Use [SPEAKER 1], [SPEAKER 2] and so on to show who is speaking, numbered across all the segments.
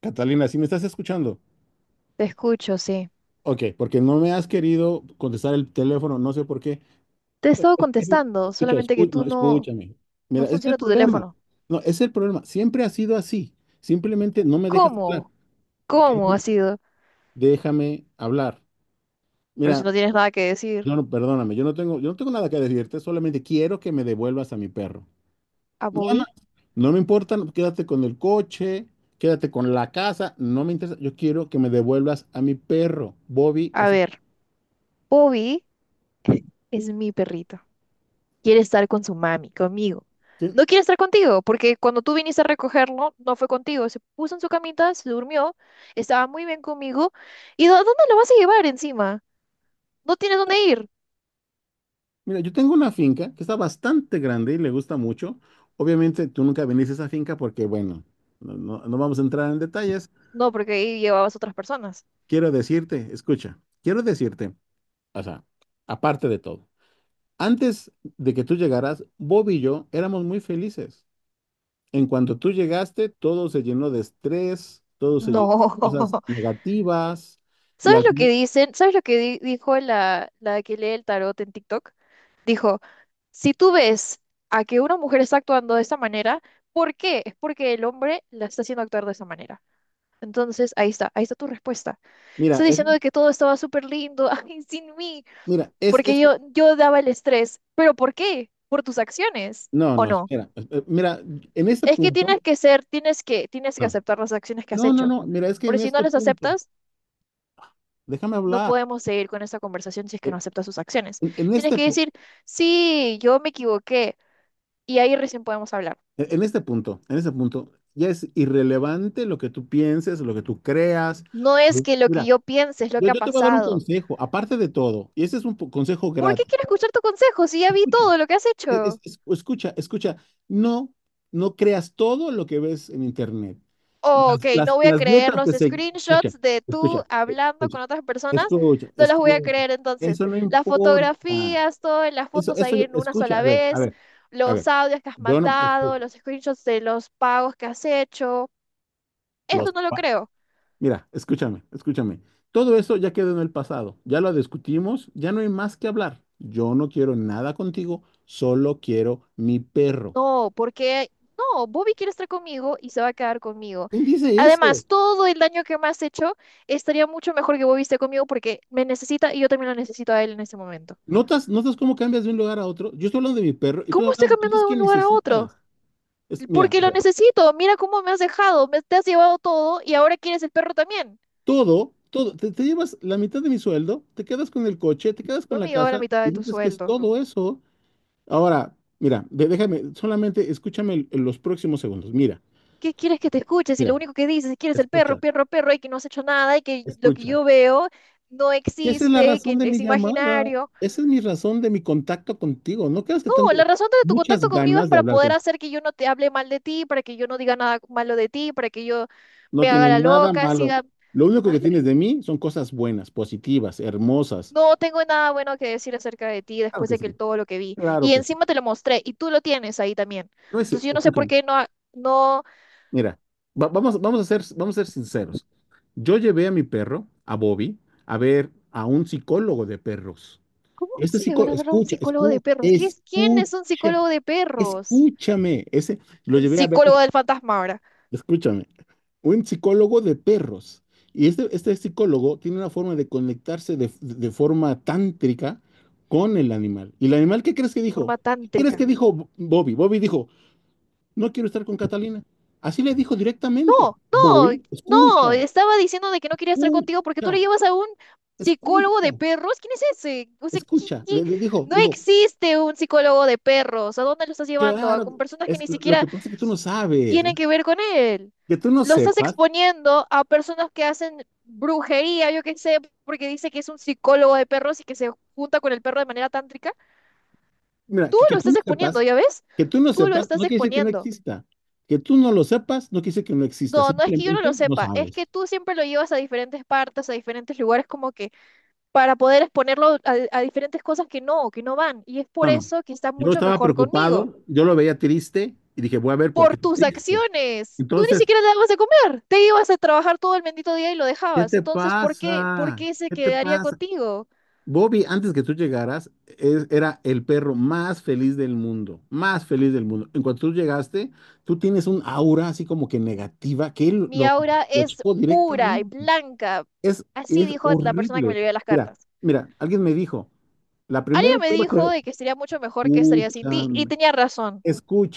[SPEAKER 1] ¿Catalina, si me estás escuchando?
[SPEAKER 2] Te escucho, sí.
[SPEAKER 1] Ok, porque no me has querido contestar el teléfono, no sé por qué.
[SPEAKER 2] Te he estado contestando,
[SPEAKER 1] Escucha,
[SPEAKER 2] solamente que
[SPEAKER 1] no,
[SPEAKER 2] tú no,
[SPEAKER 1] escúchame.
[SPEAKER 2] no
[SPEAKER 1] Mira, ese es el
[SPEAKER 2] funciona tu
[SPEAKER 1] problema.
[SPEAKER 2] teléfono.
[SPEAKER 1] No, ese es el problema. Siempre ha sido así. Simplemente no me dejas hablar.
[SPEAKER 2] ¿Cómo? ¿Cómo ha
[SPEAKER 1] Kevin,
[SPEAKER 2] sido?
[SPEAKER 1] déjame hablar.
[SPEAKER 2] Pero si
[SPEAKER 1] Mira,
[SPEAKER 2] no tienes nada que decir
[SPEAKER 1] yo no, perdóname, yo no tengo nada que decirte, solamente quiero que me devuelvas a mi perro.
[SPEAKER 2] a
[SPEAKER 1] Nada más.
[SPEAKER 2] Bobby,
[SPEAKER 1] No me importa, no, quédate con el coche, quédate con la casa, no me interesa. Yo quiero que me devuelvas a mi perro. Bobby
[SPEAKER 2] a
[SPEAKER 1] es.
[SPEAKER 2] ver, Bobby es mi perrito. Quiere estar con su mami, conmigo. No quiere estar contigo, porque cuando tú viniste a recogerlo, no fue contigo. Se puso en su camita, se durmió, estaba muy bien conmigo. ¿Y dónde lo vas a llevar encima? ¿No tienes dónde ir?
[SPEAKER 1] Mira, yo tengo una finca que está bastante grande y le gusta mucho. Obviamente tú nunca viniste a esa finca porque, bueno, no vamos a entrar en detalles.
[SPEAKER 2] No, porque ahí llevabas otras personas.
[SPEAKER 1] Quiero decirte, escucha, o sea, aparte de todo, antes de que tú llegaras, Bob y yo éramos muy felices. En cuanto tú llegaste, todo se llenó de estrés, todo se llenó
[SPEAKER 2] No.
[SPEAKER 1] de cosas negativas y
[SPEAKER 2] ¿Sabes
[SPEAKER 1] al
[SPEAKER 2] lo que
[SPEAKER 1] fin,
[SPEAKER 2] dicen? ¿Sabes lo que dijo la que lee el tarot en TikTok? Dijo, si tú ves a que una mujer está actuando de esta manera, ¿por qué? Es porque el hombre la está haciendo actuar de esa manera. Entonces, ahí está tu respuesta.
[SPEAKER 1] mira,
[SPEAKER 2] Estás
[SPEAKER 1] es,
[SPEAKER 2] diciendo de que todo estaba súper lindo, ay, sin mí,
[SPEAKER 1] mira, es,
[SPEAKER 2] porque
[SPEAKER 1] es,
[SPEAKER 2] yo daba el estrés. ¿Pero por qué? ¿Por tus acciones?
[SPEAKER 1] no,
[SPEAKER 2] ¿O
[SPEAKER 1] no,
[SPEAKER 2] no?
[SPEAKER 1] espera, mira, en este
[SPEAKER 2] Es que
[SPEAKER 1] punto...
[SPEAKER 2] tienes que ser, tienes que
[SPEAKER 1] no.
[SPEAKER 2] aceptar las acciones que has
[SPEAKER 1] No, no,
[SPEAKER 2] hecho.
[SPEAKER 1] no, mira, es que
[SPEAKER 2] Porque
[SPEAKER 1] en
[SPEAKER 2] si no
[SPEAKER 1] este
[SPEAKER 2] las
[SPEAKER 1] punto,
[SPEAKER 2] aceptas,
[SPEAKER 1] déjame
[SPEAKER 2] no
[SPEAKER 1] hablar,
[SPEAKER 2] podemos seguir con esta conversación si es que
[SPEAKER 1] eh,
[SPEAKER 2] no aceptas sus acciones.
[SPEAKER 1] en, en
[SPEAKER 2] Tienes
[SPEAKER 1] este,
[SPEAKER 2] que
[SPEAKER 1] pu-
[SPEAKER 2] decir, sí, yo me equivoqué y ahí recién podemos hablar.
[SPEAKER 1] en este punto, ya es irrelevante lo que tú pienses, lo que tú creas.
[SPEAKER 2] No es que lo que
[SPEAKER 1] Mira,
[SPEAKER 2] yo piense es lo
[SPEAKER 1] yo,
[SPEAKER 2] que ha
[SPEAKER 1] yo te voy a dar un
[SPEAKER 2] pasado.
[SPEAKER 1] consejo, aparte de todo, y ese es un consejo
[SPEAKER 2] ¿Por qué
[SPEAKER 1] gratis.
[SPEAKER 2] quiero escuchar tu consejo si ya vi
[SPEAKER 1] Escucha,
[SPEAKER 2] todo lo que has hecho?
[SPEAKER 1] escucha, no, no creas todo lo que ves en internet.
[SPEAKER 2] Oh, ok,
[SPEAKER 1] Las, las,
[SPEAKER 2] no voy a
[SPEAKER 1] las
[SPEAKER 2] creer
[SPEAKER 1] dietas
[SPEAKER 2] los
[SPEAKER 1] que se... Escucha,
[SPEAKER 2] screenshots de tú
[SPEAKER 1] escucha,
[SPEAKER 2] hablando
[SPEAKER 1] escucha,
[SPEAKER 2] con otras personas.
[SPEAKER 1] escucha,
[SPEAKER 2] No las voy a
[SPEAKER 1] escucha,
[SPEAKER 2] creer entonces.
[SPEAKER 1] eso no
[SPEAKER 2] Las
[SPEAKER 1] importa.
[SPEAKER 2] fotografías, todas las fotos ahí en una
[SPEAKER 1] Escucha,
[SPEAKER 2] sola
[SPEAKER 1] a ver, a
[SPEAKER 2] vez,
[SPEAKER 1] ver, a
[SPEAKER 2] los
[SPEAKER 1] ver.
[SPEAKER 2] audios que has
[SPEAKER 1] Yo no,
[SPEAKER 2] mandado,
[SPEAKER 1] escucha,
[SPEAKER 2] los screenshots de los pagos que has hecho. Esto
[SPEAKER 1] los,
[SPEAKER 2] no lo
[SPEAKER 1] pa-
[SPEAKER 2] creo.
[SPEAKER 1] mira, escúchame. Todo eso ya quedó en el pasado, ya lo discutimos, ya no hay más que hablar. Yo no quiero nada contigo, solo quiero mi perro.
[SPEAKER 2] No, porque no, Bobby quiere estar conmigo y se va a quedar conmigo.
[SPEAKER 1] ¿Quién dice eso?
[SPEAKER 2] Además, todo el daño que me has hecho estaría mucho mejor que Bobby esté conmigo porque me necesita y yo también lo necesito a él en este momento.
[SPEAKER 1] ¿Notas cómo cambias de un lugar a otro? Yo estoy hablando de mi perro y tú
[SPEAKER 2] ¿Cómo estoy
[SPEAKER 1] hablas de
[SPEAKER 2] cambiando
[SPEAKER 1] cosas
[SPEAKER 2] de
[SPEAKER 1] que
[SPEAKER 2] un lugar a otro?
[SPEAKER 1] necesitas. Mira,
[SPEAKER 2] Porque
[SPEAKER 1] a
[SPEAKER 2] lo
[SPEAKER 1] ver,
[SPEAKER 2] necesito. Mira cómo me has dejado, me te has llevado todo y ahora quieres el perro también.
[SPEAKER 1] te llevas la mitad de mi sueldo, te quedas con el coche, te quedas con
[SPEAKER 2] No me
[SPEAKER 1] la
[SPEAKER 2] llevaba la
[SPEAKER 1] casa
[SPEAKER 2] mitad
[SPEAKER 1] y
[SPEAKER 2] de tu
[SPEAKER 1] dices que es
[SPEAKER 2] sueldo.
[SPEAKER 1] todo eso. Ahora, mira, déjame, solamente escúchame los próximos segundos. Mira,
[SPEAKER 2] ¿Qué quieres que te escuches? Y lo
[SPEAKER 1] mira,
[SPEAKER 2] único que dices es que quieres el perro,
[SPEAKER 1] escucha,
[SPEAKER 2] perro, perro y que no has hecho nada y que lo que
[SPEAKER 1] escucha.
[SPEAKER 2] yo veo no
[SPEAKER 1] ¿Qué esa es la
[SPEAKER 2] existe,
[SPEAKER 1] razón
[SPEAKER 2] que
[SPEAKER 1] de mi
[SPEAKER 2] es
[SPEAKER 1] llamada?
[SPEAKER 2] imaginario.
[SPEAKER 1] Esa es mi razón de mi contacto contigo. ¿No creas que
[SPEAKER 2] No,
[SPEAKER 1] tengo
[SPEAKER 2] la razón de tu
[SPEAKER 1] muchas
[SPEAKER 2] contacto conmigo es
[SPEAKER 1] ganas de
[SPEAKER 2] para
[SPEAKER 1] hablar
[SPEAKER 2] poder
[SPEAKER 1] con...
[SPEAKER 2] hacer que yo no te hable mal de ti, para que yo no diga nada malo de ti, para que yo
[SPEAKER 1] No
[SPEAKER 2] me haga
[SPEAKER 1] tienes
[SPEAKER 2] la
[SPEAKER 1] nada
[SPEAKER 2] loca,
[SPEAKER 1] malo.
[SPEAKER 2] siga...
[SPEAKER 1] Lo único que tienes de mí son cosas buenas, positivas, hermosas.
[SPEAKER 2] No tengo nada bueno que decir acerca de ti
[SPEAKER 1] Claro
[SPEAKER 2] después
[SPEAKER 1] que
[SPEAKER 2] de que
[SPEAKER 1] sí,
[SPEAKER 2] todo lo que vi.
[SPEAKER 1] claro
[SPEAKER 2] Y
[SPEAKER 1] que sí.
[SPEAKER 2] encima te lo mostré y tú lo tienes ahí también.
[SPEAKER 1] No es,
[SPEAKER 2] Entonces yo no sé por
[SPEAKER 1] escúchame.
[SPEAKER 2] qué no... No,
[SPEAKER 1] Mira, vamos, vamos a ser sinceros. Yo llevé a mi perro, a Bobby, a ver a un psicólogo de perros.
[SPEAKER 2] ¿cómo
[SPEAKER 1] Este
[SPEAKER 2] se van a
[SPEAKER 1] psicólogo,
[SPEAKER 2] ver a un psicólogo de perros? ¿Qué ¿Quién es un
[SPEAKER 1] escucha,
[SPEAKER 2] psicólogo de perros?
[SPEAKER 1] escúchame. Ese lo
[SPEAKER 2] El
[SPEAKER 1] llevé a ver,
[SPEAKER 2] psicólogo del fantasma ahora,
[SPEAKER 1] escúchame. Un psicólogo de perros. Y este psicólogo tiene una forma de conectarse de forma tántrica con el animal. ¿Y el animal qué crees que dijo?
[SPEAKER 2] forma
[SPEAKER 1] ¿Qué crees que
[SPEAKER 2] tántrica.
[SPEAKER 1] dijo Bobby? Bobby dijo, no quiero estar con Catalina. Así le dijo directamente.
[SPEAKER 2] No, no,
[SPEAKER 1] Bobby,
[SPEAKER 2] no, estaba diciendo de que no quería estar contigo porque tú le
[SPEAKER 1] escucha,
[SPEAKER 2] llevas a un psicólogo de
[SPEAKER 1] escucha,
[SPEAKER 2] perros. ¿Quién es ese? O sea,
[SPEAKER 1] escucha.
[SPEAKER 2] ¿qué? No
[SPEAKER 1] Dijo,
[SPEAKER 2] existe un psicólogo de perros. ¿A dónde lo estás llevando? A
[SPEAKER 1] claro,
[SPEAKER 2] con personas que ni
[SPEAKER 1] lo
[SPEAKER 2] siquiera
[SPEAKER 1] que pasa es que tú no sabes.
[SPEAKER 2] tienen que ver con él.
[SPEAKER 1] Que tú no
[SPEAKER 2] Lo estás
[SPEAKER 1] sepas,
[SPEAKER 2] exponiendo a personas que hacen brujería, yo qué sé, porque dice que es un psicólogo de perros y que se junta con el perro de manera tántrica.
[SPEAKER 1] mira,
[SPEAKER 2] Tú
[SPEAKER 1] que
[SPEAKER 2] lo
[SPEAKER 1] tú
[SPEAKER 2] estás
[SPEAKER 1] no
[SPEAKER 2] exponiendo,
[SPEAKER 1] sepas,
[SPEAKER 2] ¿ya ves? Tú lo
[SPEAKER 1] no
[SPEAKER 2] estás
[SPEAKER 1] quiere decir que no
[SPEAKER 2] exponiendo.
[SPEAKER 1] exista. Que tú no lo sepas, no quiere decir que no exista,
[SPEAKER 2] No, no es que yo no lo
[SPEAKER 1] simplemente no
[SPEAKER 2] sepa, es
[SPEAKER 1] sabes.
[SPEAKER 2] que tú siempre lo llevas a diferentes partes, a diferentes lugares, como que para poder exponerlo a diferentes cosas que no van. Y es
[SPEAKER 1] No,
[SPEAKER 2] por
[SPEAKER 1] no.
[SPEAKER 2] eso que estás
[SPEAKER 1] Yo
[SPEAKER 2] mucho
[SPEAKER 1] estaba
[SPEAKER 2] mejor conmigo,
[SPEAKER 1] preocupado, yo lo veía triste y dije, voy a ver por qué
[SPEAKER 2] por
[SPEAKER 1] está
[SPEAKER 2] tus
[SPEAKER 1] triste.
[SPEAKER 2] acciones. Tú ni
[SPEAKER 1] Entonces,
[SPEAKER 2] siquiera te dabas de comer, te ibas a trabajar todo el bendito día y lo
[SPEAKER 1] ¿qué
[SPEAKER 2] dejabas.
[SPEAKER 1] te
[SPEAKER 2] Entonces, por
[SPEAKER 1] pasa?
[SPEAKER 2] qué se
[SPEAKER 1] ¿Qué te
[SPEAKER 2] quedaría
[SPEAKER 1] pasa?
[SPEAKER 2] contigo?
[SPEAKER 1] Bobby, antes que tú llegaras, era el perro más feliz del mundo, más feliz del mundo. En cuanto tú llegaste, tú tienes un aura así como que negativa que él
[SPEAKER 2] Mi
[SPEAKER 1] lo,
[SPEAKER 2] aura
[SPEAKER 1] lo
[SPEAKER 2] es
[SPEAKER 1] chocó
[SPEAKER 2] pura y
[SPEAKER 1] directamente.
[SPEAKER 2] blanca.
[SPEAKER 1] Es,
[SPEAKER 2] Así
[SPEAKER 1] es
[SPEAKER 2] dijo la persona que me
[SPEAKER 1] horrible.
[SPEAKER 2] leyó las
[SPEAKER 1] Mira,
[SPEAKER 2] cartas.
[SPEAKER 1] alguien me dijo, la primera
[SPEAKER 2] Alguien me
[SPEAKER 1] prueba
[SPEAKER 2] dijo
[SPEAKER 1] que...
[SPEAKER 2] de que sería mucho mejor que estaría sin ti, y
[SPEAKER 1] Escúchame,
[SPEAKER 2] tenía razón.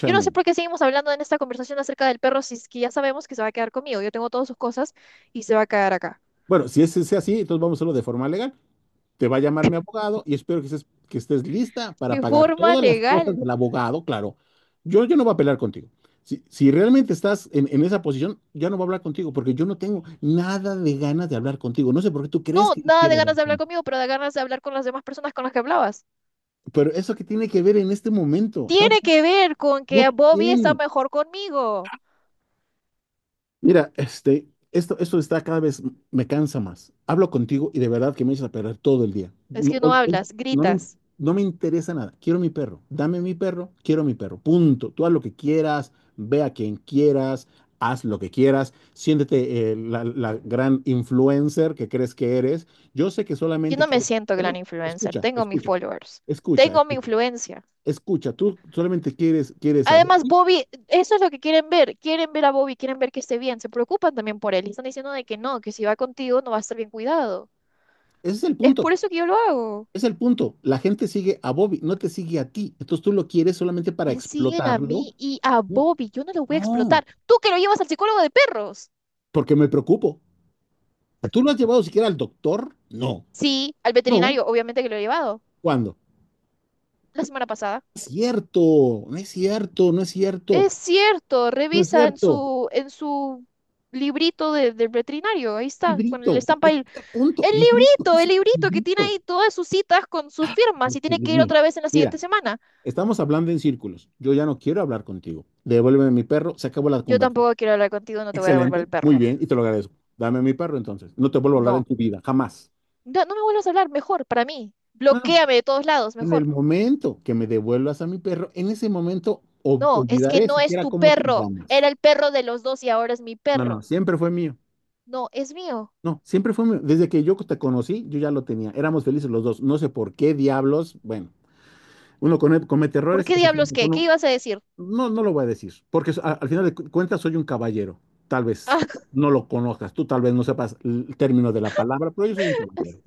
[SPEAKER 2] Yo no sé por qué seguimos hablando en esta conversación acerca del perro si es que ya sabemos que se va a quedar conmigo. Yo tengo todas sus cosas y se va a quedar acá.
[SPEAKER 1] Bueno, si es así, entonces vamos a hacerlo de forma legal. Te va a llamar mi abogado y espero que estés, lista para
[SPEAKER 2] De
[SPEAKER 1] pagar
[SPEAKER 2] forma
[SPEAKER 1] todas las cosas
[SPEAKER 2] legal.
[SPEAKER 1] del abogado, claro. Yo no voy a pelear contigo. Si realmente estás en esa posición, ya no voy a hablar contigo porque yo no tengo nada de ganas de hablar contigo. No sé por qué tú crees
[SPEAKER 2] No,
[SPEAKER 1] que yo
[SPEAKER 2] nada de
[SPEAKER 1] quiero
[SPEAKER 2] ganas
[SPEAKER 1] hablar
[SPEAKER 2] de hablar
[SPEAKER 1] contigo.
[SPEAKER 2] conmigo, pero de ganas de hablar con las demás personas con las que hablabas.
[SPEAKER 1] Pero eso que tiene que ver en este momento.
[SPEAKER 2] Tiene que ver con
[SPEAKER 1] No
[SPEAKER 2] que Bobby está
[SPEAKER 1] tiene.
[SPEAKER 2] mejor conmigo.
[SPEAKER 1] Mira, esto está cada vez, me cansa más. Hablo contigo y de verdad que me echas a perder todo el día.
[SPEAKER 2] Es
[SPEAKER 1] No,
[SPEAKER 2] que no hablas, gritas.
[SPEAKER 1] no me interesa nada. Quiero mi perro. Dame mi perro, quiero mi perro. Punto. Tú haz lo que quieras, ve a quien quieras, haz lo que quieras. Siéntete la gran influencer que crees que eres. Yo sé que
[SPEAKER 2] Yo
[SPEAKER 1] solamente
[SPEAKER 2] no me
[SPEAKER 1] quieres
[SPEAKER 2] siento gran
[SPEAKER 1] perro.
[SPEAKER 2] influencer.
[SPEAKER 1] Escucha,
[SPEAKER 2] Tengo mis
[SPEAKER 1] escucha,
[SPEAKER 2] followers.
[SPEAKER 1] escucha,
[SPEAKER 2] Tengo mi
[SPEAKER 1] escucha.
[SPEAKER 2] influencia.
[SPEAKER 1] Escucha, tú solamente quieres, a
[SPEAKER 2] Además,
[SPEAKER 1] Buki.
[SPEAKER 2] Bobby, eso es lo que quieren ver. Quieren ver a Bobby, quieren ver que esté bien. Se preocupan también por él. Y están diciendo de que no, que si va contigo no va a estar bien cuidado.
[SPEAKER 1] Ese es el
[SPEAKER 2] Es
[SPEAKER 1] punto.
[SPEAKER 2] por eso que yo lo hago.
[SPEAKER 1] Es el punto. La gente sigue a Bobby, no te sigue a ti. Entonces tú lo quieres solamente para
[SPEAKER 2] Me siguen a
[SPEAKER 1] explotarlo.
[SPEAKER 2] mí y a
[SPEAKER 1] No,
[SPEAKER 2] Bobby. Yo no lo voy a
[SPEAKER 1] no,
[SPEAKER 2] explotar. Tú que lo llevas al psicólogo de perros.
[SPEAKER 1] porque me preocupo. ¿Tú lo has llevado siquiera al doctor? No.
[SPEAKER 2] Sí, al
[SPEAKER 1] No.
[SPEAKER 2] veterinario, obviamente que lo he llevado.
[SPEAKER 1] ¿Cuándo? No
[SPEAKER 2] La semana pasada.
[SPEAKER 1] es cierto, no es cierto, no es cierto,
[SPEAKER 2] Es cierto,
[SPEAKER 1] no es
[SPEAKER 2] revisa en
[SPEAKER 1] cierto.
[SPEAKER 2] su librito del veterinario. Ahí está, con el
[SPEAKER 1] Librito,
[SPEAKER 2] estampa
[SPEAKER 1] es
[SPEAKER 2] ahí.
[SPEAKER 1] el punto. Librito, ¿qué es
[SPEAKER 2] El
[SPEAKER 1] esto?
[SPEAKER 2] librito que tiene
[SPEAKER 1] Librito.
[SPEAKER 2] ahí todas sus citas con sus firmas y tiene
[SPEAKER 1] Dios
[SPEAKER 2] que ir
[SPEAKER 1] mío.
[SPEAKER 2] otra vez en la
[SPEAKER 1] Mira,
[SPEAKER 2] siguiente semana.
[SPEAKER 1] estamos hablando en círculos. Yo ya no quiero hablar contigo. Devuélveme mi perro, se acabó la
[SPEAKER 2] Yo
[SPEAKER 1] conversación.
[SPEAKER 2] tampoco quiero hablar contigo, no te voy a devolver
[SPEAKER 1] Excelente,
[SPEAKER 2] el
[SPEAKER 1] muy
[SPEAKER 2] perro.
[SPEAKER 1] bien, y te lo agradezco. Dame a mi perro entonces. No te vuelvo a hablar en
[SPEAKER 2] No.
[SPEAKER 1] tu vida, jamás.
[SPEAKER 2] No, no me vuelvas a hablar, mejor, para mí.
[SPEAKER 1] No, no.
[SPEAKER 2] Bloquéame de todos lados,
[SPEAKER 1] En el
[SPEAKER 2] mejor.
[SPEAKER 1] momento que me devuelvas a mi perro, en ese momento
[SPEAKER 2] No, es que
[SPEAKER 1] olvidaré
[SPEAKER 2] no es
[SPEAKER 1] siquiera
[SPEAKER 2] tu
[SPEAKER 1] cómo te
[SPEAKER 2] perro. Era
[SPEAKER 1] llamas.
[SPEAKER 2] el perro de los dos y ahora es mi
[SPEAKER 1] No, no,
[SPEAKER 2] perro.
[SPEAKER 1] siempre fue mío.
[SPEAKER 2] No, es mío.
[SPEAKER 1] No, siempre fue mío. Desde que yo te conocí, yo ya lo tenía. Éramos felices los dos. No sé por qué diablos. Bueno, uno comete
[SPEAKER 2] ¿Por
[SPEAKER 1] errores.
[SPEAKER 2] qué
[SPEAKER 1] Este fue
[SPEAKER 2] diablos qué? ¿Qué
[SPEAKER 1] uno,
[SPEAKER 2] ibas a decir?
[SPEAKER 1] no, no lo voy a decir, porque al final de cuentas soy un caballero. Tal vez
[SPEAKER 2] Ah,
[SPEAKER 1] no lo conozcas, tú tal vez no sepas el término de la palabra, pero yo soy un caballero.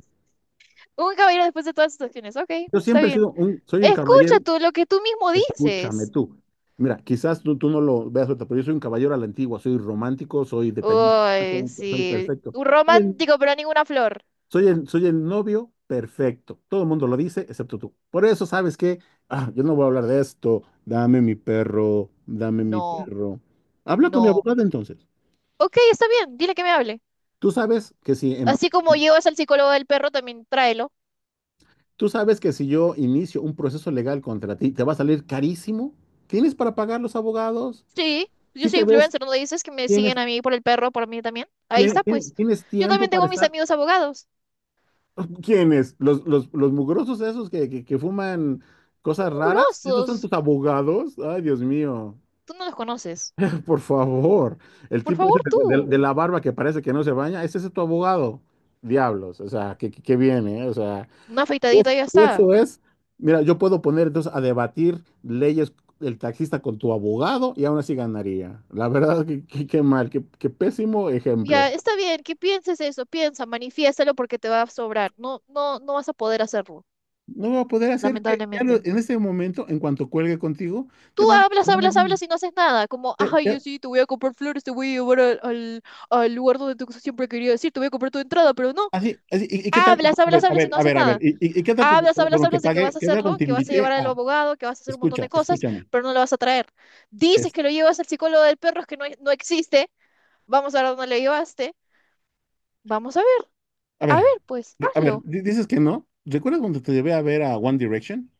[SPEAKER 2] un caballero después de todas estas acciones. Ok,
[SPEAKER 1] Yo
[SPEAKER 2] está
[SPEAKER 1] siempre he
[SPEAKER 2] bien.
[SPEAKER 1] sido soy un
[SPEAKER 2] Escucha
[SPEAKER 1] caballero,
[SPEAKER 2] tú lo que tú mismo
[SPEAKER 1] escúchame
[SPEAKER 2] dices.
[SPEAKER 1] tú. Mira, quizás tú no lo veas, ahorita, pero yo soy un caballero a la antigua, soy romántico, soy detallista,
[SPEAKER 2] Uy,
[SPEAKER 1] soy
[SPEAKER 2] sí.
[SPEAKER 1] perfecto.
[SPEAKER 2] Un
[SPEAKER 1] Soy el,
[SPEAKER 2] romántico, pero ninguna flor.
[SPEAKER 1] soy el novio perfecto. Todo el mundo lo dice, excepto tú. Por eso, ¿sabes qué? Ah, yo no voy a hablar de esto. Dame mi perro, dame mi
[SPEAKER 2] No,
[SPEAKER 1] perro. Habla con mi
[SPEAKER 2] no.
[SPEAKER 1] abogado entonces.
[SPEAKER 2] Ok, está bien. Dile que me hable.
[SPEAKER 1] Tú sabes que si, em-
[SPEAKER 2] Así como llevas al psicólogo del perro, también tráelo.
[SPEAKER 1] tú sabes que si yo inicio un proceso legal contra ti, te va a salir carísimo. ¿Tienes para pagar los abogados?
[SPEAKER 2] Sí, yo
[SPEAKER 1] Si
[SPEAKER 2] soy
[SPEAKER 1] te ves...
[SPEAKER 2] influencer, ¿no dices que me siguen
[SPEAKER 1] Tienes
[SPEAKER 2] a mí por el perro, por mí también? Ahí está, pues.
[SPEAKER 1] ¿Tienes
[SPEAKER 2] Yo
[SPEAKER 1] tiempo
[SPEAKER 2] también
[SPEAKER 1] para
[SPEAKER 2] tengo mis
[SPEAKER 1] estar?
[SPEAKER 2] amigos abogados.
[SPEAKER 1] ¿Quiénes? ¿Los mugrosos esos que fuman cosas raras? ¿Esos son
[SPEAKER 2] Grosos.
[SPEAKER 1] tus abogados? Ay, Dios mío,
[SPEAKER 2] Tú no los conoces.
[SPEAKER 1] por favor. El
[SPEAKER 2] Por
[SPEAKER 1] tipo ese
[SPEAKER 2] favor, tú.
[SPEAKER 1] de la barba que parece que no se baña, ¿es ese tu abogado? Diablos, o sea, que viene, ¿eh? O sea,
[SPEAKER 2] Una afeitadita y ya está.
[SPEAKER 1] eso es. Mira, yo puedo poner entonces a debatir leyes el taxista con tu abogado y aún así ganaría. La verdad, qué mal, qué pésimo
[SPEAKER 2] Ya,
[SPEAKER 1] ejemplo.
[SPEAKER 2] está bien, que pienses eso, piensa, manifiéstalo porque te va a sobrar. No vas a poder hacerlo,
[SPEAKER 1] No va a poder hacer que ya
[SPEAKER 2] lamentablemente.
[SPEAKER 1] en este momento, en cuanto cuelgue contigo,
[SPEAKER 2] Tú
[SPEAKER 1] te van a...
[SPEAKER 2] hablas,
[SPEAKER 1] te van a-
[SPEAKER 2] hablas, hablas y no haces nada. Como,
[SPEAKER 1] te-
[SPEAKER 2] ay, yo
[SPEAKER 1] te-
[SPEAKER 2] sí, te voy a comprar flores, te voy a llevar al, al lugar donde tú siempre quería decir, te voy a comprar tu entrada, pero no.
[SPEAKER 1] así, así, ¿y qué tal?
[SPEAKER 2] Hablas,
[SPEAKER 1] A
[SPEAKER 2] hablas,
[SPEAKER 1] ver, a
[SPEAKER 2] hablas y
[SPEAKER 1] ver,
[SPEAKER 2] no
[SPEAKER 1] a
[SPEAKER 2] haces
[SPEAKER 1] ver, a ver.
[SPEAKER 2] nada.
[SPEAKER 1] ¿Y qué tal
[SPEAKER 2] Hablas, hablas,
[SPEAKER 1] cuando te
[SPEAKER 2] hablas de que vas
[SPEAKER 1] pague?
[SPEAKER 2] a
[SPEAKER 1] ¿Qué tal cuando
[SPEAKER 2] hacerlo,
[SPEAKER 1] te
[SPEAKER 2] que vas a llevar
[SPEAKER 1] invité
[SPEAKER 2] al
[SPEAKER 1] a...
[SPEAKER 2] abogado, que vas a hacer un montón de
[SPEAKER 1] Escucha,
[SPEAKER 2] cosas,
[SPEAKER 1] escúchame.
[SPEAKER 2] pero no lo vas a traer. Dices
[SPEAKER 1] es-
[SPEAKER 2] que lo llevas al psicólogo del perro, es que no, no existe, vamos a ver dónde le llevaste. Vamos
[SPEAKER 1] a
[SPEAKER 2] a
[SPEAKER 1] ver,
[SPEAKER 2] ver, pues
[SPEAKER 1] a ver,
[SPEAKER 2] hazlo.
[SPEAKER 1] dices que no. ¿Recuerdas cuando te llevé a ver a One Direction?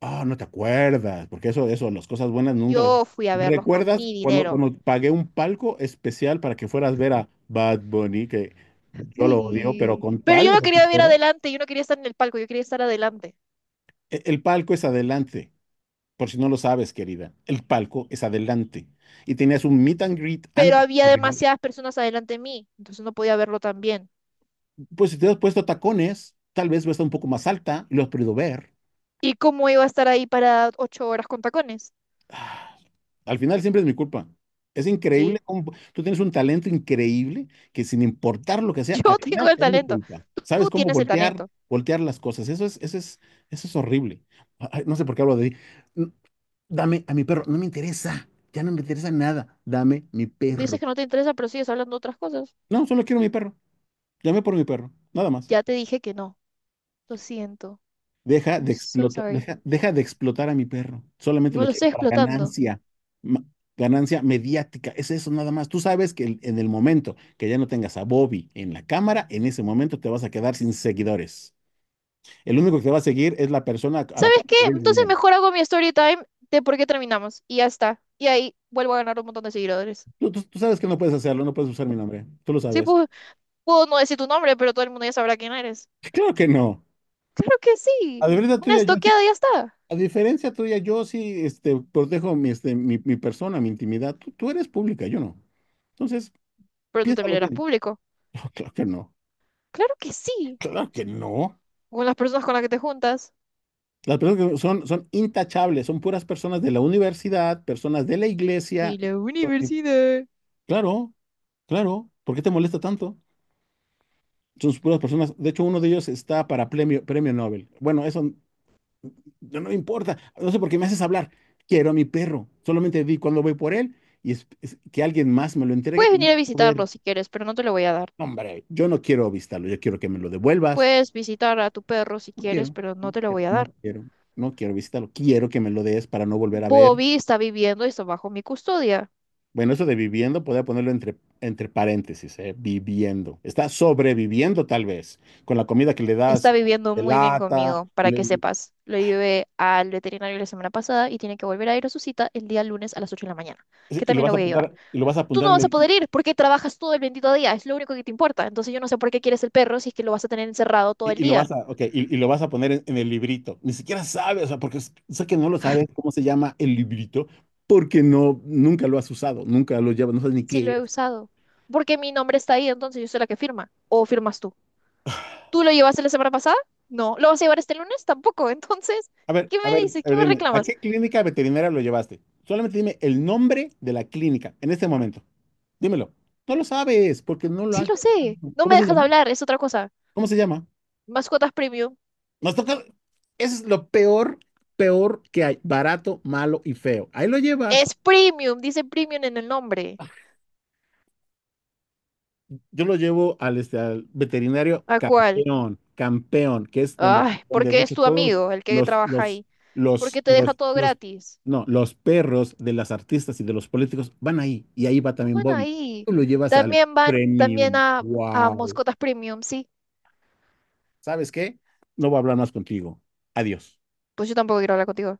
[SPEAKER 1] Ah, no te acuerdas, porque eso, las cosas buenas nunca las...
[SPEAKER 2] Yo fui a verlos con
[SPEAKER 1] ¿Recuerdas
[SPEAKER 2] mi dinero.
[SPEAKER 1] cuando pagué un palco especial para que fueras a ver a Bad Bunny, que yo lo odio, pero
[SPEAKER 2] Ay,
[SPEAKER 1] con
[SPEAKER 2] pero
[SPEAKER 1] tal...
[SPEAKER 2] yo
[SPEAKER 1] de
[SPEAKER 2] no quería ver
[SPEAKER 1] recuperar?
[SPEAKER 2] adelante, yo no quería estar en el palco, yo quería estar adelante.
[SPEAKER 1] El palco es adelante, por si no lo sabes, querida. El palco es adelante. Y tenías un meet and greet
[SPEAKER 2] Pero
[SPEAKER 1] antes.
[SPEAKER 2] había
[SPEAKER 1] Ok.
[SPEAKER 2] demasiadas personas adelante de mí, entonces no podía verlo tan bien.
[SPEAKER 1] Pues si te has puesto tacones, tal vez va a estar un poco más alta y lo has podido ver.
[SPEAKER 2] ¿Y cómo iba a estar ahí para 8 horas con tacones?
[SPEAKER 1] Ah, al final siempre es mi culpa. Es increíble.
[SPEAKER 2] Sí,
[SPEAKER 1] Tú tienes un talento increíble que sin importar lo que sea, al
[SPEAKER 2] yo tengo
[SPEAKER 1] final
[SPEAKER 2] el
[SPEAKER 1] es mi
[SPEAKER 2] talento.
[SPEAKER 1] culpa. ¿Sabes
[SPEAKER 2] Tú
[SPEAKER 1] cómo
[SPEAKER 2] tienes el talento.
[SPEAKER 1] voltear las cosas? Eso es horrible. Ay, no sé por qué hablo de... Dame a mi perro. No me interesa. Ya no me interesa nada. Dame mi perro.
[SPEAKER 2] Dices que no te interesa, pero sigues hablando de otras cosas.
[SPEAKER 1] No, solo quiero mi perro. Llamé por mi perro, nada más.
[SPEAKER 2] Ya te dije que no. Lo siento.
[SPEAKER 1] Deja
[SPEAKER 2] I'm
[SPEAKER 1] de
[SPEAKER 2] so
[SPEAKER 1] explotar,
[SPEAKER 2] sorry.
[SPEAKER 1] deja de explotar a mi perro. Solamente
[SPEAKER 2] No
[SPEAKER 1] lo
[SPEAKER 2] lo
[SPEAKER 1] quiero
[SPEAKER 2] estoy
[SPEAKER 1] para
[SPEAKER 2] explotando.
[SPEAKER 1] ganancia, ma- ganancia mediática. Es eso nada más. Tú sabes que en el momento que ya no tengas a Bobby en la cámara, en ese momento te vas a quedar sin seguidores. El único que te va a seguir es la persona a la
[SPEAKER 2] ¿Sabes
[SPEAKER 1] cual
[SPEAKER 2] qué?
[SPEAKER 1] te debes
[SPEAKER 2] Entonces
[SPEAKER 1] dinero.
[SPEAKER 2] mejor hago mi story time de por qué terminamos. Y ya está. Y ahí vuelvo a ganar un montón de seguidores.
[SPEAKER 1] Tú sabes que no puedes hacerlo, no puedes usar mi nombre. Tú lo
[SPEAKER 2] Sí,
[SPEAKER 1] sabes.
[SPEAKER 2] puedo, puedo no decir tu nombre, pero todo el mundo ya sabrá quién eres.
[SPEAKER 1] Claro que no.
[SPEAKER 2] Claro que sí.
[SPEAKER 1] A la verdad
[SPEAKER 2] Una
[SPEAKER 1] tuya, yo
[SPEAKER 2] estoqueada y ya está.
[SPEAKER 1] A diferencia tuya, yo sí, protejo mi, mi persona, mi intimidad. Tú eres pública, yo no. Entonces,
[SPEAKER 2] Pero tú también
[SPEAKER 1] piénsalo
[SPEAKER 2] eras
[SPEAKER 1] bien.
[SPEAKER 2] público.
[SPEAKER 1] No, claro que no.
[SPEAKER 2] Claro que sí.
[SPEAKER 1] Claro que no.
[SPEAKER 2] Con las personas con las que te juntas.
[SPEAKER 1] Las personas que son, intachables, son puras personas de la universidad, personas de la
[SPEAKER 2] De
[SPEAKER 1] iglesia.
[SPEAKER 2] la
[SPEAKER 1] Y-
[SPEAKER 2] universidad.
[SPEAKER 1] Claro, claro. ¿Por qué te molesta tanto? Son puras personas. De hecho, uno de ellos está para premio Nobel. Bueno, eso. No, no me importa. No sé por qué me haces hablar. Quiero a mi perro. Solamente vi cuando voy por él y es que alguien más me lo entregue.
[SPEAKER 2] Puedes
[SPEAKER 1] No
[SPEAKER 2] venir a
[SPEAKER 1] quiero ver.
[SPEAKER 2] visitarlo si quieres, pero no te lo voy a dar.
[SPEAKER 1] No, hombre, yo no quiero visitarlo. Yo quiero que me lo devuelvas.
[SPEAKER 2] Puedes visitar a tu perro si
[SPEAKER 1] No
[SPEAKER 2] quieres,
[SPEAKER 1] quiero.
[SPEAKER 2] pero no
[SPEAKER 1] No
[SPEAKER 2] te lo
[SPEAKER 1] quiero.
[SPEAKER 2] voy a
[SPEAKER 1] No
[SPEAKER 2] dar.
[SPEAKER 1] quiero No quiero visitarlo. Quiero que me lo des para no volver a ver.
[SPEAKER 2] Bobby está viviendo y está bajo mi custodia.
[SPEAKER 1] Bueno, eso de viviendo, podría ponerlo entre paréntesis, ¿eh? Viviendo. Está sobreviviendo tal vez con la comida que le
[SPEAKER 2] Está
[SPEAKER 1] das
[SPEAKER 2] viviendo
[SPEAKER 1] de
[SPEAKER 2] muy bien
[SPEAKER 1] lata
[SPEAKER 2] conmigo,
[SPEAKER 1] y,
[SPEAKER 2] para
[SPEAKER 1] le-
[SPEAKER 2] que sepas. Lo llevé al veterinario la semana pasada y tiene que volver a ir a su cita el día lunes a las 8 de la mañana, que
[SPEAKER 1] y lo
[SPEAKER 2] también
[SPEAKER 1] vas
[SPEAKER 2] la
[SPEAKER 1] a
[SPEAKER 2] voy a llevar.
[SPEAKER 1] apuntar, y lo vas a
[SPEAKER 2] Tú
[SPEAKER 1] apuntar
[SPEAKER 2] no
[SPEAKER 1] en
[SPEAKER 2] vas a poder
[SPEAKER 1] el-
[SPEAKER 2] ir porque trabajas todo el bendito día, es lo único que te importa. Entonces yo no sé por qué quieres el perro si es que lo vas a tener encerrado todo el
[SPEAKER 1] Y, y lo vas
[SPEAKER 2] día.
[SPEAKER 1] a, ok, y, y lo vas a poner en el librito. Ni siquiera sabes, o sea, porque sé que no lo sabes cómo se llama el librito, porque no, nunca lo has usado, nunca lo llevas, no sabes ni
[SPEAKER 2] Si
[SPEAKER 1] qué
[SPEAKER 2] lo he
[SPEAKER 1] es.
[SPEAKER 2] usado. Porque mi nombre está ahí, entonces yo soy la que firma. ¿O firmas tú? ¿Tú lo llevaste la semana pasada? No. ¿Lo vas a llevar este lunes? Tampoco. Entonces,
[SPEAKER 1] A ver,
[SPEAKER 2] ¿qué
[SPEAKER 1] a
[SPEAKER 2] me
[SPEAKER 1] ver,
[SPEAKER 2] dices?
[SPEAKER 1] a
[SPEAKER 2] ¿Qué
[SPEAKER 1] ver,
[SPEAKER 2] me
[SPEAKER 1] dime, ¿a
[SPEAKER 2] reclamas?
[SPEAKER 1] qué clínica veterinaria lo llevaste? Solamente dime el nombre de la clínica en este momento. Dímelo. No lo sabes, porque no lo
[SPEAKER 2] Sí
[SPEAKER 1] has
[SPEAKER 2] lo
[SPEAKER 1] llevado.
[SPEAKER 2] sé. No me
[SPEAKER 1] ¿Cómo se
[SPEAKER 2] dejas
[SPEAKER 1] llama?
[SPEAKER 2] hablar, es otra cosa.
[SPEAKER 1] ¿Cómo se llama?
[SPEAKER 2] Mascotas Premium.
[SPEAKER 1] Nos toca. Eso es lo peor, peor que hay. Barato, malo y feo. Ahí lo llevas.
[SPEAKER 2] Es premium, dice premium en el nombre.
[SPEAKER 1] Yo lo llevo al veterinario
[SPEAKER 2] ¿A cuál?
[SPEAKER 1] campeón, campeón, que es donde,
[SPEAKER 2] Ay,
[SPEAKER 1] de
[SPEAKER 2] porque es
[SPEAKER 1] hecho
[SPEAKER 2] tu
[SPEAKER 1] todos
[SPEAKER 2] amigo el que
[SPEAKER 1] los,
[SPEAKER 2] trabaja
[SPEAKER 1] los,
[SPEAKER 2] ahí.
[SPEAKER 1] los,
[SPEAKER 2] Porque te deja
[SPEAKER 1] los,
[SPEAKER 2] todo
[SPEAKER 1] los,
[SPEAKER 2] gratis.
[SPEAKER 1] no, los perros de las artistas y de los políticos van ahí, y ahí va
[SPEAKER 2] No
[SPEAKER 1] también
[SPEAKER 2] van
[SPEAKER 1] Bobby.
[SPEAKER 2] ahí.
[SPEAKER 1] Tú lo llevas al
[SPEAKER 2] También van,
[SPEAKER 1] premium.
[SPEAKER 2] a
[SPEAKER 1] Wow.
[SPEAKER 2] Moscotas Premium, sí.
[SPEAKER 1] ¿Sabes qué? No voy a hablar más contigo. Adiós.
[SPEAKER 2] Pues yo tampoco quiero hablar contigo.